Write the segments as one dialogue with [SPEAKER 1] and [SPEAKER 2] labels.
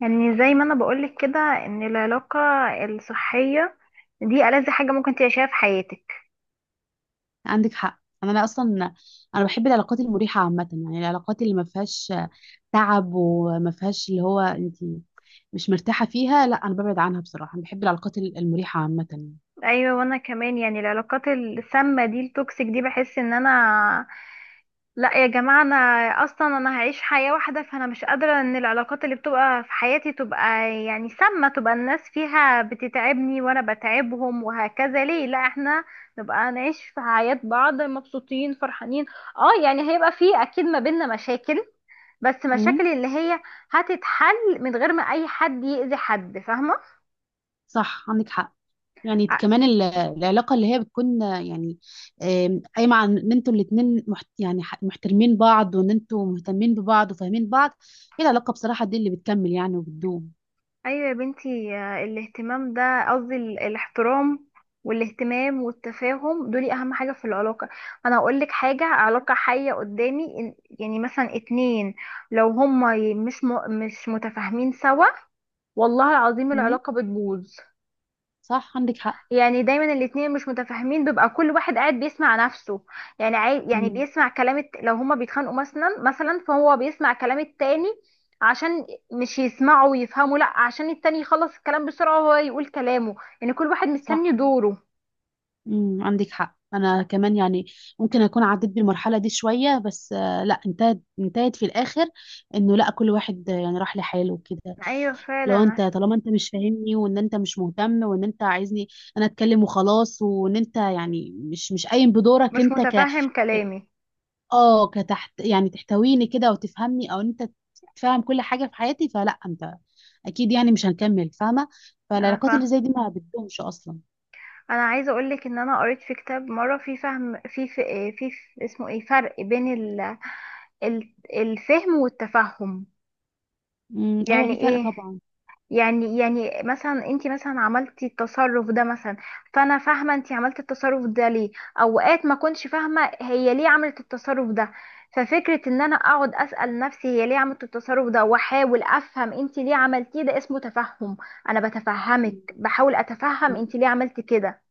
[SPEAKER 1] يعني زي ما انا بقولك كده ان العلاقة الصحية دي ألذ حاجة ممكن تعيشها في حياتك.
[SPEAKER 2] عندك حق، انا لا اصلا. انا بحب العلاقات المريحه عامه، يعني العلاقات اللي ما فيهاش تعب وما فيهاش اللي هو انت مش مرتاحه فيها. لا، انا ببعد عنها بصراحه. انا بحب العلاقات المريحه عامه يعني.
[SPEAKER 1] ايوه، وانا كمان يعني العلاقات السامة دي التوكسيك دي بحس ان انا لا يا جماعة انا اصلا انا هعيش حياة واحدة، فانا مش قادرة ان العلاقات اللي بتبقى في حياتي تبقى يعني سامة، تبقى الناس فيها بتتعبني وانا بتعبهم وهكذا. ليه لا احنا نبقى نعيش في حياة بعض مبسوطين فرحانين. اه يعني هيبقى فيه اكيد ما بيننا مشاكل، بس
[SPEAKER 2] امم،
[SPEAKER 1] مشاكل اللي هي هتتحل من غير ما اي حد يأذي حد، فاهمة؟
[SPEAKER 2] صح، عندك حق. يعني
[SPEAKER 1] ع-
[SPEAKER 2] كمان العلاقه اللي هي بتكون يعني قايمه عن ان انتوا الاتنين يعني محترمين بعض وان انتوا مهتمين ببعض وفاهمين بعض. هي العلاقه بصراحه دي اللي بتكمل يعني وبتدوم.
[SPEAKER 1] ايوه يا بنتي، آه، الاهتمام ده قصدي الاحترام والاهتمام والتفاهم دول اهم حاجة في العلاقة. انا هقول لك حاجة، علاقة حية قدامي يعني مثلا اتنين لو هما ي- مش م... مش متفاهمين سوا، والله العظيم
[SPEAKER 2] امم،
[SPEAKER 1] العلاقة بتبوظ.
[SPEAKER 2] صح، عندك حق.
[SPEAKER 1] يعني دايما الاتنين مش متفاهمين بيبقى كل واحد قاعد بيسمع نفسه، يعني يعني
[SPEAKER 2] امم،
[SPEAKER 1] بيسمع كلام لو هما بيتخانقوا مثلا فهو بيسمع كلام التاني، عشان مش يسمعوا ويفهموا، لا عشان التاني يخلص الكلام بسرعة وهو يقول كلامه، يعني كل واحد
[SPEAKER 2] صح.
[SPEAKER 1] مستني دوره.
[SPEAKER 2] امم، عندك حق. انا كمان يعني ممكن اكون عديت بالمرحله دي شويه، بس لا انتهت انتهت في الاخر. انه لا، كل واحد يعني راح لحاله وكده.
[SPEAKER 1] ايوه فعلا
[SPEAKER 2] لو انت، طالما انت مش فاهمني وان انت مش مهتم وان انت عايزني انا اتكلم وخلاص، وان انت يعني مش قايم بدورك
[SPEAKER 1] مش
[SPEAKER 2] انت
[SPEAKER 1] متفهم كلامي.
[SPEAKER 2] اه، كتحت، يعني تحتويني كده وتفهمني او انت تفهم كل حاجه في حياتي، فلا انت اكيد يعني مش هنكمل، فاهمه.
[SPEAKER 1] انا
[SPEAKER 2] فالعلاقات اللي
[SPEAKER 1] فاهم،
[SPEAKER 2] زي دي ما بتدومش اصلا.
[SPEAKER 1] انا عايزه اقول لك ان انا قريت في كتاب مره في فهم في اسمه ايه فرق بين الفهم والتفهم.
[SPEAKER 2] امم، ايوه،
[SPEAKER 1] يعني
[SPEAKER 2] في فرق
[SPEAKER 1] ايه؟
[SPEAKER 2] طبعا.
[SPEAKER 1] يعني مثلا انت مثلا عملتي التصرف ده مثلا، فانا فاهمه انت عملتي التصرف ده ليه. اوقات ما كنتش فاهمه هي ليه عملت التصرف ده، ففكره ان انا اقعد اسال نفسي هي ليه عملت التصرف ده واحاول افهم انت ليه عملتيه ده اسمه تفهم. انا بتفهمك، بحاول اتفهم
[SPEAKER 2] مم.
[SPEAKER 1] انت ليه عملتي كده.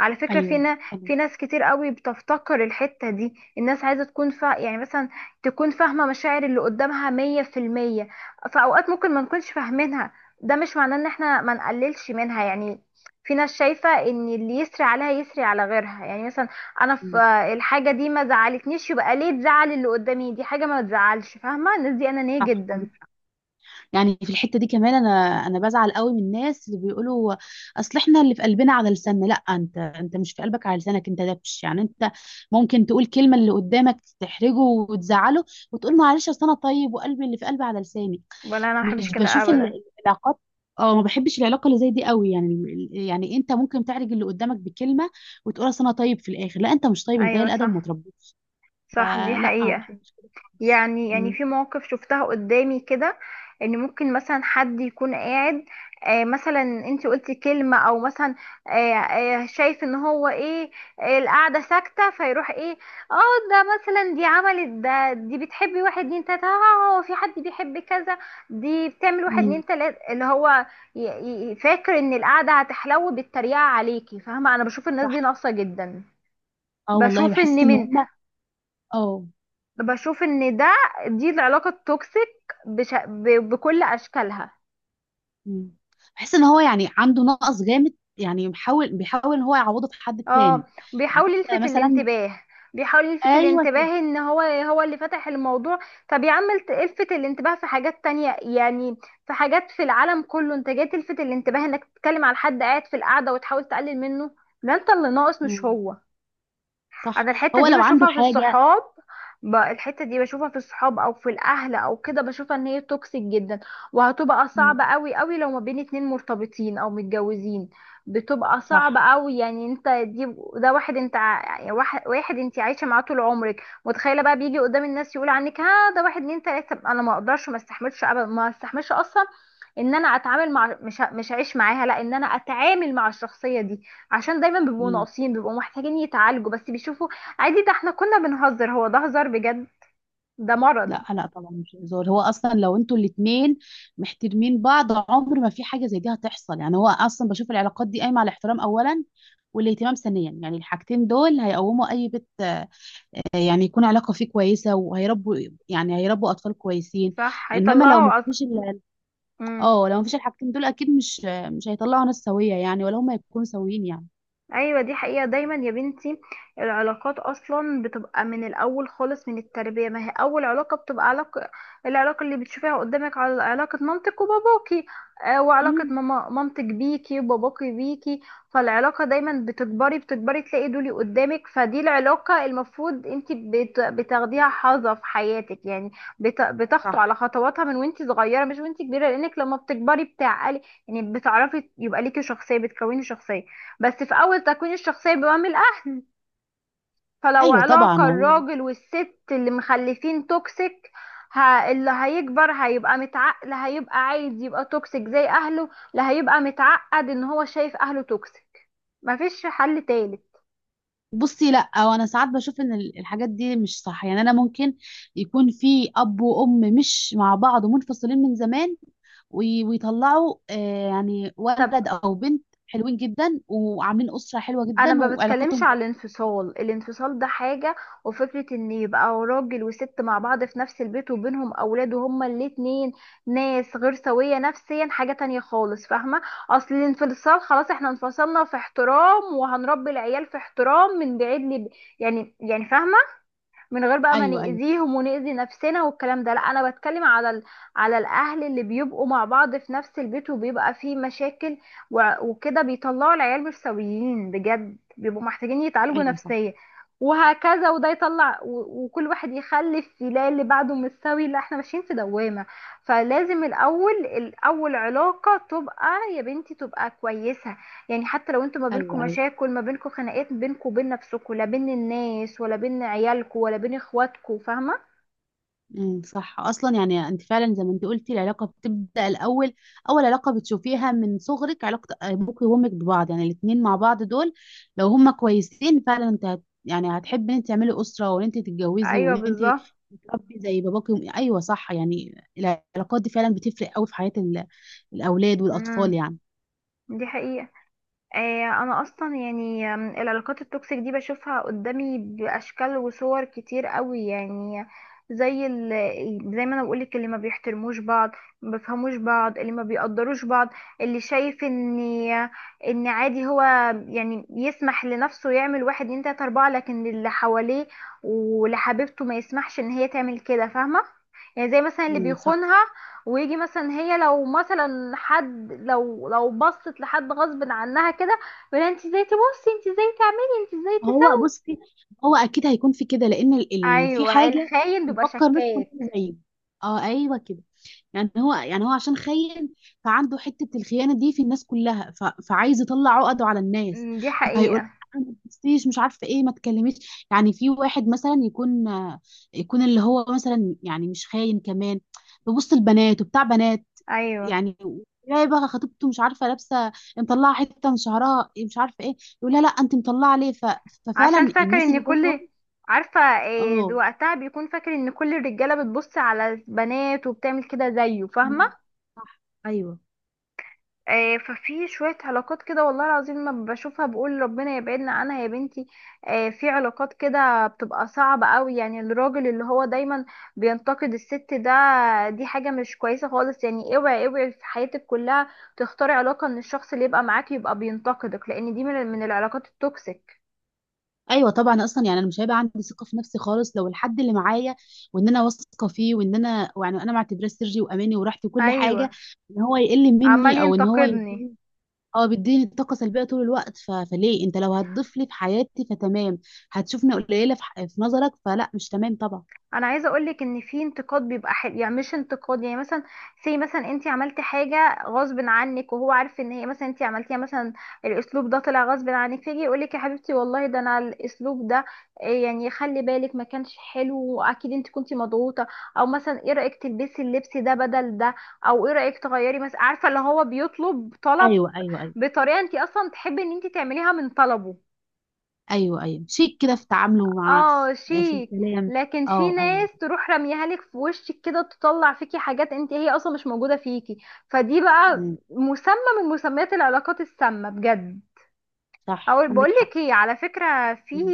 [SPEAKER 1] على فكرة
[SPEAKER 2] ايوه،
[SPEAKER 1] فينا
[SPEAKER 2] حلو.
[SPEAKER 1] في ناس كتير قوي بتفتقر الحتة دي، الناس عايزة تكون فا يعني مثلا تكون فاهمة مشاعر اللي قدامها 100%. في أوقات ممكن ما نكونش فاهمينها، ده مش معناه ان احنا ما نقللش منها يعني. في ناس شايفة ان اللي يسري عليها يسري على غيرها، يعني مثلا انا في
[SPEAKER 2] مم.
[SPEAKER 1] الحاجة دي ما زعلتنيش يبقى ليه تزعل اللي قدامي، دي حاجة ما تزعلش، فاهمة؟ الناس دي انانية
[SPEAKER 2] صح،
[SPEAKER 1] جدا.
[SPEAKER 2] يعني في الحته دي كمان انا بزعل قوي من الناس اللي بيقولوا اصل احنا اللي في قلبنا على لساننا. لا، انت مش في قلبك على لسانك، انت دبش، يعني انت ممكن تقول كلمه اللي قدامك تحرجه وتزعله وتقول معلش اصل انا طيب وقلبي، اللي في قلبي على لساني.
[SPEAKER 1] ولا انا ما بحبش
[SPEAKER 2] مش
[SPEAKER 1] كده
[SPEAKER 2] بشوف
[SPEAKER 1] ابدا.
[SPEAKER 2] العلاقات. اه، ما بحبش العلاقه اللي زي دي قوي، يعني يعني انت ممكن تعرج اللي قدامك بكلمه وتقول اصل انا طيب، في الاخر لا، انت مش طيب، انت قليل
[SPEAKER 1] ايوه
[SPEAKER 2] الادب وما
[SPEAKER 1] صح،
[SPEAKER 2] تربيتش.
[SPEAKER 1] صح دي
[SPEAKER 2] فلا، ما
[SPEAKER 1] حقيقة.
[SPEAKER 2] بحبش كده خالص
[SPEAKER 1] يعني في مواقف شفتها قدامي كده، ان ممكن مثلا حد يكون قاعد، مثلا انت قلتي كلمة او مثلا، شايف ان هو ايه، القعدة ساكتة فيروح ايه، اه، ده مثلا دي عملت ده، دي بتحبي واحد اتنين تلاتة، اه هو في حد بيحب كذا، دي بتعمل واحد
[SPEAKER 2] م،
[SPEAKER 1] اتنين تلاتة اللي هو فاكر ان القعدة هتحلو بالتريقة عليكي، فاهمة؟ انا بشوف الناس دي
[SPEAKER 2] صح.
[SPEAKER 1] ناقصة جدا.
[SPEAKER 2] اه والله
[SPEAKER 1] بشوف
[SPEAKER 2] بحس
[SPEAKER 1] ان
[SPEAKER 2] ان هم. اه.
[SPEAKER 1] بشوف ان ده، دي العلاقة التوكسيك بكل اشكالها.
[SPEAKER 2] م. بحس ان هو يعني عنده نقص جامد، يعني بيحاول بيحاول ان هو يعوضه في حد
[SPEAKER 1] اه،
[SPEAKER 2] تاني. يعني
[SPEAKER 1] بيحاول
[SPEAKER 2] انت
[SPEAKER 1] يلفت
[SPEAKER 2] مثلا.
[SPEAKER 1] الانتباه، بيحاول يلفت
[SPEAKER 2] ايوه كده.
[SPEAKER 1] الانتباه ان هو هو اللي فتح الموضوع. طب يا عم الفت الانتباه في حاجات تانية يعني، في حاجات في العالم كله، انت جاي تلفت الانتباه انك تتكلم على حد قاعد في القعدة وتحاول تقلل منه، ده انت اللي ناقص مش
[SPEAKER 2] م،
[SPEAKER 1] هو.
[SPEAKER 2] صح.
[SPEAKER 1] انا الحته
[SPEAKER 2] هو
[SPEAKER 1] دي
[SPEAKER 2] لو عنده
[SPEAKER 1] بشوفها في
[SPEAKER 2] حاجه.
[SPEAKER 1] الصحاب، الحته دي بشوفها في الصحاب او في الاهل او كده، بشوفها ان هي توكسيك جدا، وهتبقى صعبه
[SPEAKER 2] م،
[SPEAKER 1] قوي قوي لو ما بين اتنين مرتبطين او متجوزين. بتبقى صعبه
[SPEAKER 2] صح.
[SPEAKER 1] قوي، يعني انت دي ده واحد انت يعني واحد واحد انت عايشه معاه طول عمرك، متخيله بقى بيجي قدام الناس يقول عنك ها ده واحد اتنين تلاته، انا ما اقدرش، ما استحملش ابدا، ما استحملش اصلا ان انا اتعامل مع مش هعيش معاها، لا ان انا اتعامل مع الشخصيه دي، عشان دايما بيبقوا
[SPEAKER 2] م.
[SPEAKER 1] ناقصين، بيبقوا محتاجين يتعالجوا بس بيشوفوا عادي، ده احنا كنا بنهزر، هو ده هزار بجد؟ ده مرض.
[SPEAKER 2] لا لا طبعا، مش هزار. هو اصلا لو انتوا الاتنين محترمين بعض، عمر ما في حاجه زي دي هتحصل. يعني هو اصلا بشوف العلاقات دي قايمه على الاحترام اولا والاهتمام ثانيا، يعني الحاجتين دول هيقوموا اي بيت يعني يكون علاقه فيه كويسه، وهيربوا، يعني هيربوا اطفال كويسين.
[SPEAKER 1] صح
[SPEAKER 2] انما لو ما
[SPEAKER 1] هيطلعه
[SPEAKER 2] فيش
[SPEAKER 1] مم.
[SPEAKER 2] اه، لو ما فيش الحاجتين دول اكيد مش هيطلعوا ناس سويه يعني، ولا هم يكونوا سويين يعني.
[SPEAKER 1] ايوه دي حقيقة، دايما يا بنتي العلاقات اصلا بتبقى من الاول خالص من التربية، ما هي اول علاقة بتبقى علاقة، العلاقة اللي بتشوفيها قدامك على علاقة مامتك وباباكي، آه، وعلاقة
[SPEAKER 2] امم،
[SPEAKER 1] ماما مامتك بيكي وباباكي بيكي، فالعلاقة دايما بتكبري بتكبري تلاقي دولي قدامك، فدي العلاقة المفروض انت بتاخديها حظة في حياتك، يعني بتخطو على
[SPEAKER 2] صح.
[SPEAKER 1] خطواتها من وانت صغيرة مش وانت كبيرة، لانك لما بتكبري بتعقلي، يعني بتعرفي يبقى ليكي شخصية بتكوني شخصية، بس في أول تكوين الشخصية بيبقى من الأهل. فلو
[SPEAKER 2] ايوه طبعا.
[SPEAKER 1] علاقة الراجل والست اللي مخلفين توكسيك، اللي هيكبر هيبقى متعقل هيبقى عايز يبقى توكسيك زي أهله، اللي هيبقى متعقد إن هو شايف أهله توكسيك، مفيش حل تالت.
[SPEAKER 2] بصي، لا، وانا ساعات بشوف ان الحاجات دي مش صح. يعني انا ممكن يكون في اب وام مش مع بعض ومنفصلين من زمان ويطلعوا يعني
[SPEAKER 1] طب
[SPEAKER 2] ولد او بنت حلوين جدا وعاملين اسره حلوه
[SPEAKER 1] انا
[SPEAKER 2] جدا
[SPEAKER 1] ما بتكلمش
[SPEAKER 2] وعلاقتهم
[SPEAKER 1] على الانفصال، الانفصال ده حاجة، وفكرة ان يبقى راجل وست مع بعض في نفس البيت وبينهم اولاد وهما الاتنين ناس غير سوية نفسيا حاجة تانية خالص، فاهمة؟ اصل الانفصال خلاص احنا انفصلنا في احترام وهنربي العيال في احترام من بعيد يعني فاهمة، من غير بقى ما
[SPEAKER 2] ايوه ايوه
[SPEAKER 1] نأذيهم ونأذي نفسنا والكلام ده. لا انا بتكلم على على الاهل اللي بيبقوا مع بعض في نفس البيت وبيبقى فيه مشاكل وكده بيطلعوا العيال مش سويين بجد، بيبقوا محتاجين يتعالجوا
[SPEAKER 2] ايوه. صح.
[SPEAKER 1] نفسيا وهكذا، وده يطلع وكل واحد يخلف يلاقي اللي بعده مش سوي، لا احنا ماشيين في دوامة. فلازم الاول الاول علاقة تبقى يا بنتي تبقى كويسة، يعني حتى لو انتوا ما بينكم
[SPEAKER 2] ايوه ايوه.
[SPEAKER 1] مشاكل، ما بينكم خناقات بينكم وبين نفسكم لا بين الناس ولا بين عيالكم ولا بين اخواتكم، فاهمة؟
[SPEAKER 2] امم، صح، اصلا يعني انت فعلا زي ما انت قلتي، العلاقه بتبدا الاول. اول علاقه بتشوفيها من صغرك علاقه ابوك وامك ببعض، يعني الاثنين مع بعض دول لو هما كويسين فعلا، انت يعني هتحبي ان انت تعملي اسره وان انت تتجوزي
[SPEAKER 1] ايوه
[SPEAKER 2] وان انت
[SPEAKER 1] بالظبط.
[SPEAKER 2] تربي زي باباك ايوه صح، يعني العلاقات دي فعلا بتفرق قوي في حياه الاولاد والاطفال
[SPEAKER 1] امم،
[SPEAKER 2] يعني.
[SPEAKER 1] دي حقيقة. آه، انا اصلا يعني آم، العلاقات التوكسيك دي بشوفها قدامي باشكال وصور كتير قوي يعني، زي زي ما انا بقولك، اللي ما بيحترموش بعض، ما بيفهموش بعض، اللي ما بيقدروش بعض، اللي شايف ان ان عادي هو يعني يسمح لنفسه يعمل واحد اتنين تلاته اربعه، لكن اللي حواليه ولحبيبته ما يسمحش ان هي تعمل كده، فاهمه؟ يعني زي مثلا اللي
[SPEAKER 2] امم، صح.
[SPEAKER 1] بيخونها ويجي مثلا هي لو مثلا حد لو بصت لحد غصب عنها كده يقول انت ازاي تبصي، انت ازاي تعملي، انت ازاي
[SPEAKER 2] هو،
[SPEAKER 1] تسوي.
[SPEAKER 2] بصي، هو اكيد هيكون في كده لان في
[SPEAKER 1] ايوه
[SPEAKER 2] حاجه
[SPEAKER 1] الخاين بيبقى
[SPEAKER 2] نفكر ناس
[SPEAKER 1] شكاك.
[SPEAKER 2] كلنا زيه. اه، ايوه كده. يعني هو عشان خاين، فعنده حتة الخيانة دي في الناس كلها فعايز يطلع عقده على الناس.
[SPEAKER 1] أمم، دي
[SPEAKER 2] فهيقول:
[SPEAKER 1] حقيقة.
[SPEAKER 2] أنا، ما تبصيش، مش عارفة ايه، ما تكلميش. يعني في واحد مثلا يكون، اللي هو مثلا يعني مش خاين كمان، ببص البنات وبتاع بنات
[SPEAKER 1] ايوه
[SPEAKER 2] يعني، تلاقي بقى خطيبته مش عارفة لابسة، مطلعة حتة من شعرها، مش عارفة ايه، يقول لها لا انت مطلعة ليه
[SPEAKER 1] عشان
[SPEAKER 2] ففعلا
[SPEAKER 1] فاكر
[SPEAKER 2] الناس
[SPEAKER 1] ان
[SPEAKER 2] اللي زي دول.
[SPEAKER 1] كل، عارفة إيه،
[SPEAKER 2] اه.
[SPEAKER 1] وقتها بيكون فاكر ان كل الرجالة بتبص على البنات وبتعمل كده زيه، فاهمة؟
[SPEAKER 2] مم. صح. ايوه.
[SPEAKER 1] آه، ففي شوية علاقات كده والله العظيم ما بشوفها بقول ربنا يبعدنا عنها يا بنتي. آه، في علاقات كده بتبقى صعبة قوي، يعني الراجل اللي هو دايما بينتقد الست، ده دي حاجة مش كويسة خالص، يعني اوعي اوعي في حياتك كلها تختاري علاقة ان الشخص اللي يبقى معاك يبقى بينتقدك، لان دي من العلاقات التوكسيك.
[SPEAKER 2] ايوه طبعا، اصلا يعني انا مش هيبقى عندي ثقه في نفسي خالص لو الحد اللي معايا وان انا واثقه فيه وان انا يعني انا معتبراه سري واماني وراحتي وكل
[SPEAKER 1] ايوه
[SPEAKER 2] حاجه ان هو يقل
[SPEAKER 1] عمال
[SPEAKER 2] مني او ان هو
[SPEAKER 1] ينتقدني.
[SPEAKER 2] يديني، اه، بيديني طاقه سلبيه طول الوقت. فليه؟ انت لو هتضيف لي في حياتي فتمام، هتشوفني قليله في نظرك، فلا مش تمام طبعا.
[SPEAKER 1] انا عايزه اقولك ان في انتقاد بيبقى حلو، يعني مش انتقاد يعني مثلا سي مثلا انت عملتي حاجه غصب عنك، وهو عارف ان هي مثلا انت عملتيها مثلا الاسلوب ده طلع غصب عنك، فيجي يقولك يا حبيبتي والله ده انا الاسلوب ده إيه، يعني خلي بالك ما كانش حلو واكيد انت كنتي مضغوطه، او مثلا ايه رايك تلبسي اللبس ده بدل ده، او ايه رايك تغيري مثلا، عارفه اللي هو بيطلب طلب
[SPEAKER 2] ايوه ايوه ايوه
[SPEAKER 1] بطريقه انت اصلا تحبي ان انت تعمليها من طلبه.
[SPEAKER 2] ايوه ايوه، شيك كده في تعامله مع
[SPEAKER 1] اه
[SPEAKER 2] في
[SPEAKER 1] شيك.
[SPEAKER 2] الكلام.
[SPEAKER 1] لكن في
[SPEAKER 2] اه، ايوه.
[SPEAKER 1] ناس تروح رميها لك في وشك كده، تطلع فيكي حاجات انت هي اصلا مش موجودة فيكي، فدي بقى
[SPEAKER 2] مم.
[SPEAKER 1] مسمى من مسميات العلاقات السامة بجد.
[SPEAKER 2] صح،
[SPEAKER 1] او بقول
[SPEAKER 2] عندك حق.
[SPEAKER 1] لك ايه، على فكرة في
[SPEAKER 2] مم.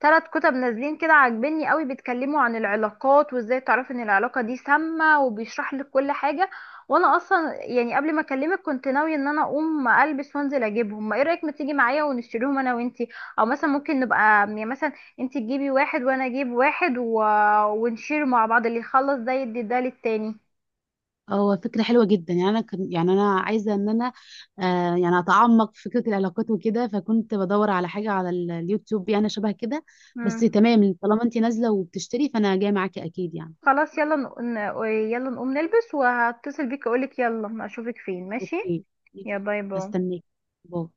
[SPEAKER 1] 3 كتب نازلين كده عاجبني قوي بيتكلموا عن العلاقات وازاي تعرفي ان العلاقة دي سامة، وبيشرح لك كل حاجة. وانا اصلا يعني قبل ما اكلمك كنت ناوية ان انا اقوم البس وانزل اجيبهم، ما ايه رأيك ما تيجي معايا ونشتريهم انا وانتي، او مثلا ممكن نبقى يعني مثلا انتي تجيبي واحد وانا اجيب واحد ونشير مع بعض، اللي يخلص ده يدي ده للتاني.
[SPEAKER 2] هو فكرة حلوة جدا، يعني أنا عايزة إن أنا يعني أتعمق في فكرة العلاقات وكده، فكنت بدور على حاجة على اليوتيوب يعني شبه كده. بس
[SPEAKER 1] مم.
[SPEAKER 2] تمام، طالما أنت نازلة وبتشتري فأنا جاية معاكي أكيد يعني.
[SPEAKER 1] خلاص يلا يلا نقوم نلبس وهتصل بيك اقولك يلا اشوفك فين، ماشي؟
[SPEAKER 2] أوكي، ماشي.
[SPEAKER 1] يا باي باي.
[SPEAKER 2] هستناكي. باي.